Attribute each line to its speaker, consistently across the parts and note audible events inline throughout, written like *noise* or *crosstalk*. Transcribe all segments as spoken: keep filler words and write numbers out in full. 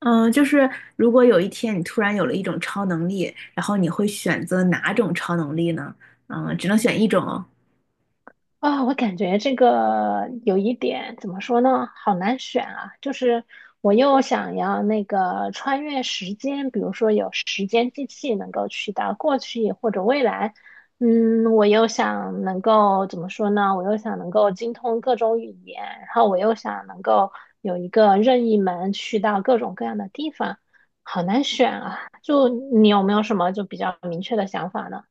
Speaker 1: 嗯，就是如果有一天你突然有了一种超能力，然后你会选择哪种超能力呢？嗯，只能选一种哦。
Speaker 2: 啊、我感觉这个有一点怎么说呢，好难选啊。就是我又想要那个穿越时间，比如说有时间机器能够去到过去或者未来，嗯，我又想能够怎么说呢？我又想能够精通各种语言，然后我又想能够有一个任意门去到各种各样的地方，好难选啊。就你有没有什么就比较明确的想法呢？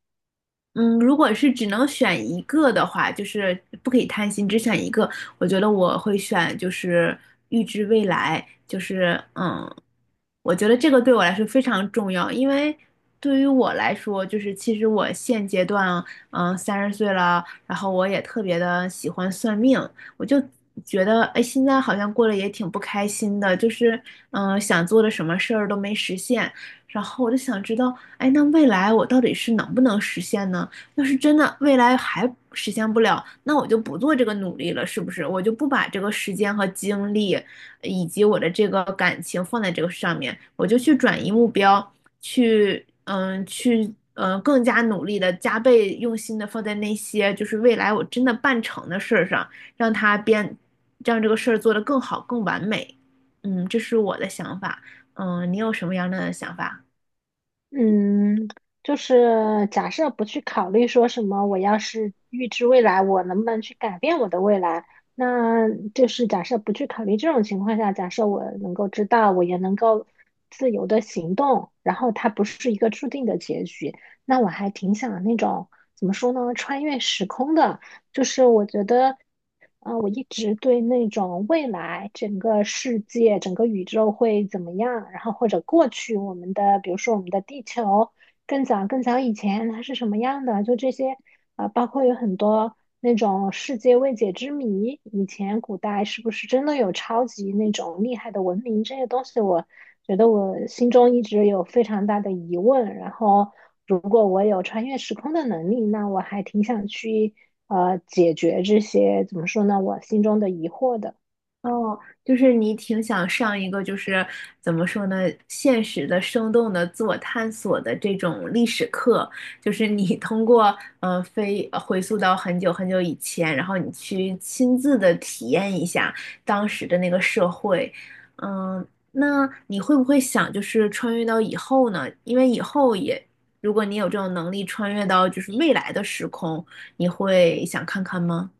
Speaker 1: 嗯，如果是只能选一个的话，就是不可以贪心，只选一个。我觉得我会选，就是预知未来，就是嗯，我觉得这个对我来说非常重要，因为对于我来说，就是其实我现阶段，嗯，三十岁了，然后我也特别的喜欢算命。我就觉得，哎，现在好像过得也挺不开心的，就是嗯，想做的什么事儿都没实现。然后我就想知道，哎，那未来我到底是能不能实现呢？要是真的未来还实现不了，那我就不做这个努力了，是不是？我就不把这个时间和精力，以及我的这个感情放在这个上面，我就去转移目标，去嗯，去嗯，更加努力的加倍用心的放在那些就是未来我真的办成的事儿上，让它变，让这个事儿做得更好、更完美。嗯，这是我的想法。嗯，你有什么样的想法？
Speaker 2: 嗯，就是假设不去考虑说什么，我要是预知未来，我能不能去改变我的未来？那就是假设不去考虑这种情况下，假设我能够知道，我也能够自由的行动，然后它不是一个注定的结局，那我还挺想那种怎么说呢，穿越时空的。就是我觉得，啊，我一直对那种未来整个世界、整个宇宙会怎么样，然后或者过去我们的，比如说我们的地球更早更早以前它是什么样的，就这些，啊，包括有很多那种世界未解之谜，以前古代是不是真的有超级那种厉害的文明这些东西，我觉得我心中一直有非常大的疑问，然后。如果我有穿越时空的能力，那我还挺想去呃解决这些怎么说呢，我心中的疑惑的。
Speaker 1: 哦，就是你挺想上一个，就是怎么说呢，现实的、生动的、自我探索的这种历史课。就是你通过嗯呃飞呃回溯到很久很久以前，然后你去亲自的体验一下当时的那个社会。嗯，那你会不会想就是穿越到以后呢？因为以后也，如果你有这种能力穿越到就是未来的时空，你会想看看吗？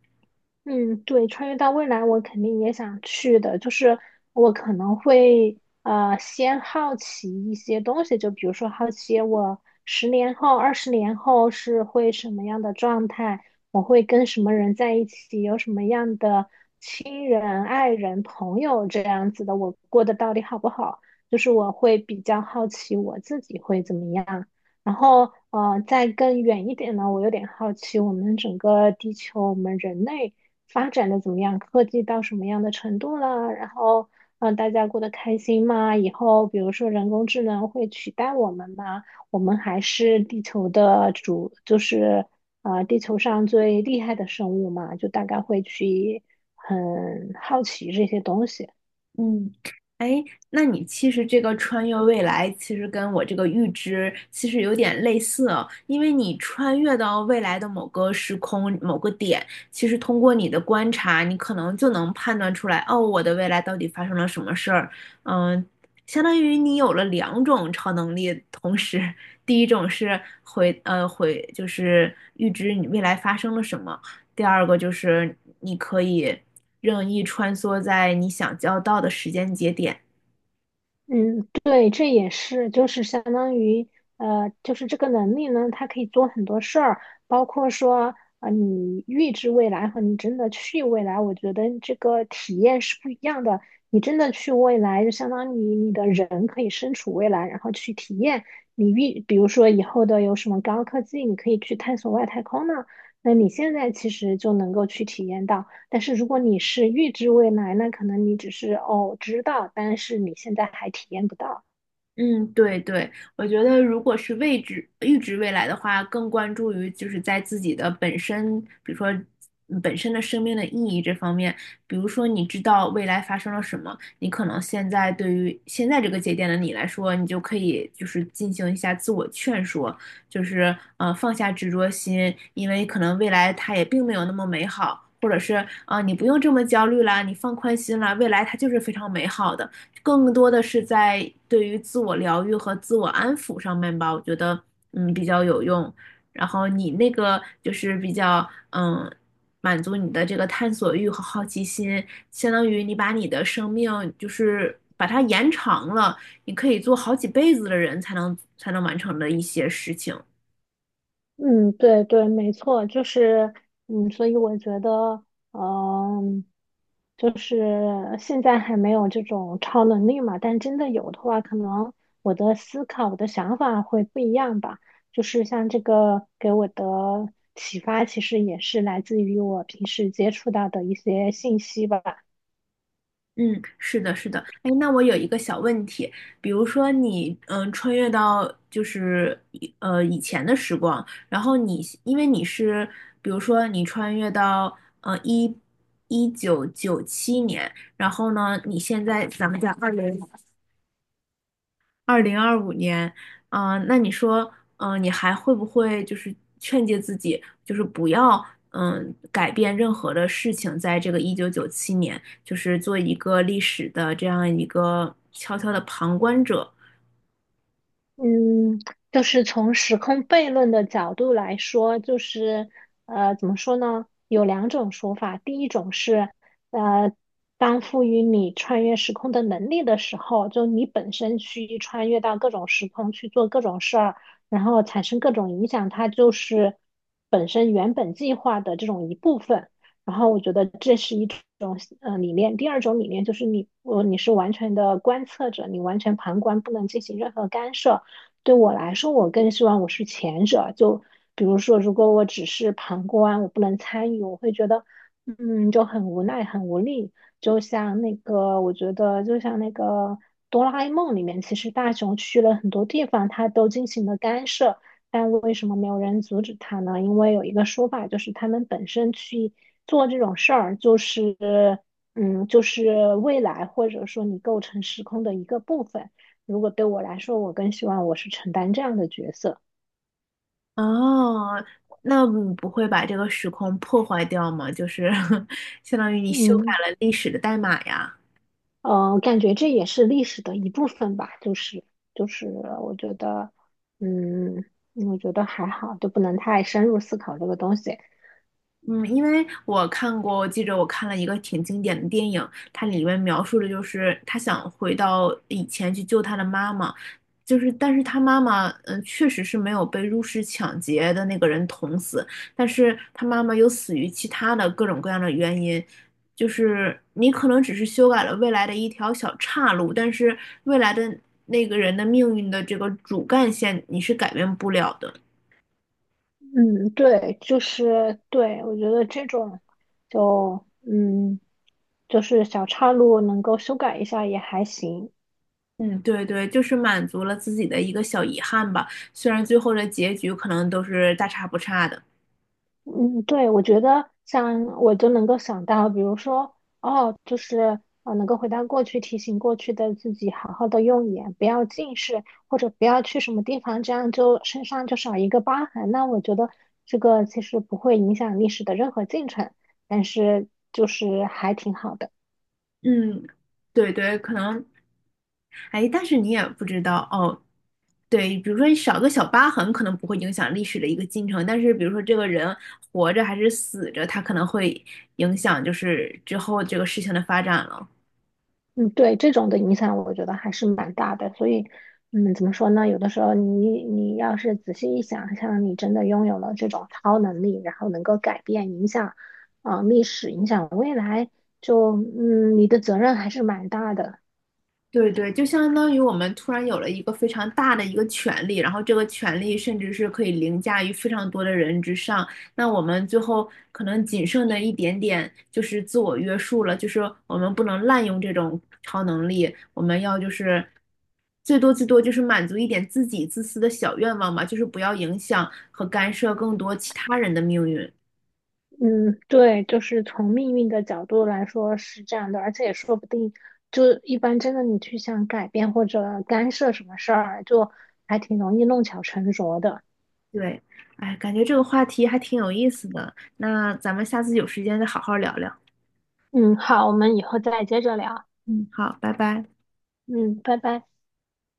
Speaker 2: 嗯，对，穿越到未来我肯定也想去的，就是我可能会呃先好奇一些东西，就比如说好奇我十年后、二十年后是会什么样的状态，我会跟什么人在一起，有什么样的亲人、爱人、朋友这样子的，我过得到底好不好？就是我会比较好奇我自己会怎么样。然后，呃，再更远一点呢，我有点好奇，我们整个地球，我们人类发展的怎么样？科技到什么样的程度了？然后，呃，大家过得开心吗？以后，比如说人工智能会取代我们吗？我们还是地球的主，就是呃，地球上最厉害的生物嘛，就大概会去很好奇这些东西。
Speaker 1: 嗯，哎，那你其实这个穿越未来，其实跟我这个预知其实有点类似哦。因为你穿越到未来的某个时空、某个点，其实通过你的观察，你可能就能判断出来，哦，我的未来到底发生了什么事儿。嗯，相当于你有了两种超能力，同时，第一种是回呃回就是预知你未来发生了什么，第二个就是你可以任意穿梭在你想交到的时间节点。
Speaker 2: 嗯，对，这也是，就是相当于，呃，就是这个能力呢，它可以做很多事儿，包括说，呃，你预知未来和你真的去未来，我觉得这个体验是不一样的。你真的去未来，就相当于你的人可以身处未来，然后去体验你预，比如说以后的有什么高科技，你可以去探索外太空呢，那你现在其实就能够去体验到。但是如果你是预知未来，那可能你只是哦知道，但是你现在还体验不到。
Speaker 1: 嗯，对对，我觉得如果是位知预知未来的话，更关注于就是在自己的本身，比如说嗯本身的生命的意义这方面。比如说，你知道未来发生了什么，你可能现在对于现在这个节点的你来说，你就可以就是进行一下自我劝说，就是呃放下执着心，因为可能未来它也并没有那么美好，或者是啊、呃你不用这么焦虑啦，你放宽心啦，未来它就是非常美好的。更多的是在对于自我疗愈和自我安抚上面吧，我觉得嗯比较有用。然后你那个就是比较嗯满足你的这个探索欲和好奇心，相当于你把你的生命就是把它延长了，你可以做好几辈子的人才能才能完成的一些事情。
Speaker 2: 嗯，对对，没错，就是嗯，所以我觉得，嗯，就是现在还没有这种超能力嘛，但真的有的话，可能我的思考、我的想法会不一样吧。就是像这个给我的启发，其实也是来自于我平时接触到的一些信息吧。
Speaker 1: 嗯，是的，是的。哎，那我有一个小问题，比如说你，嗯，穿越到就是以呃以前的时光，然后你因为你是，比如说你穿越到呃一一九九七年，然后呢，你现在咱们在二零二零二五年，嗯、那你说，嗯、你还会不会就是劝诫自己，就是不要，嗯、改变任何的事情，在这个一九九七年，就是做一个历史的这样一个悄悄的旁观者。
Speaker 2: 嗯，就是从时空悖论的角度来说，就是呃，怎么说呢？有两种说法。第一种是，呃，当赋予你穿越时空的能力的时候，就你本身去穿越到各种时空去做各种事儿，然后产生各种影响，它就是本身原本计划的这种一部分。然后我觉得这是一种呃理念。第二种理念就是你，我你是完全的观测者，你完全旁观，不能进行任何干涉。对我来说，我更希望我是前者。就比如说，如果我只是旁观，我不能参与，我会觉得，嗯，就很无奈、很无力。就像那个，我觉得就像那个哆啦 A 梦里面，其实大雄去了很多地方，他都进行了干涉，但为什么没有人阻止他呢？因为有一个说法，就是他们本身去做这种事儿，就是，嗯，就是未来或者说你构成时空的一个部分。如果对我来说，我更希望我是承担这样的角色。
Speaker 1: 哦，那你不会把这个时空破坏掉吗？就是 *laughs* 相当于你修
Speaker 2: 嗯，
Speaker 1: 改了历史的代码呀。
Speaker 2: 呃，感觉这也是历史的一部分吧，就是就是，我觉得，嗯，我觉得还好，就不能太深入思考这个东西。
Speaker 1: 嗯，因为我看过，我记着我看了一个挺经典的电影，它里面描述的就是他想回到以前去救他的妈妈。就是但是他妈妈，嗯，确实是没有被入室抢劫的那个人捅死，但是他妈妈又死于其他的各种各样的原因。就是你可能只是修改了未来的一条小岔路，但是未来的那个人的命运的这个主干线你是改变不了的。
Speaker 2: 嗯，对，就是对，我觉得这种就嗯，就是小岔路能够修改一下也还行。
Speaker 1: 嗯，对对，就是满足了自己的一个小遗憾吧。虽然最后的结局可能都是大差不差的，
Speaker 2: 嗯，对，我觉得像我就能够想到，比如说，哦，就是呃，能够回到过去，提醒过去的自己，好好的用眼，不要近视，或者不要去什么地方，这样就身上就少一个疤痕。那我觉得这个其实不会影响历史的任何进程，但是就是还挺好的。
Speaker 1: 嗯，对对，可能，哎，但是你也不知道哦。对，比如说少个小疤痕，可能不会影响历史的一个进程，但是比如说这个人活着还是死着，他可能会影响就是之后这个事情的发展了。
Speaker 2: 嗯，对，这种的影响我觉得还是蛮大的，所以，嗯，怎么说呢？有的时候你你要是仔细一想，像你真的拥有了这种超能力，然后能够改变、影响，啊、历史、影响未来，就嗯，你的责任还是蛮大的。
Speaker 1: 对对，就相当于我们突然有了一个非常大的一个权利，然后这个权利甚至是可以凌驾于非常多的人之上。那我们最后可能仅剩的一点点就是自我约束了，就是我们不能滥用这种超能力，我们要就是最多最多就是满足一点自己自私的小愿望吧，就是不要影响和干涉更多其他人的命运。
Speaker 2: 嗯，对，就是从命运的角度来说是这样的，而且也说不定，就一般真的你去想改变或者干涉什么事儿，就还挺容易弄巧成拙的。
Speaker 1: 对，哎，感觉这个话题还挺有意思的，那咱们下次有时间再好好聊聊。
Speaker 2: 嗯，好，我们以后再接着聊。
Speaker 1: 嗯，好，拜拜。
Speaker 2: 嗯，拜拜。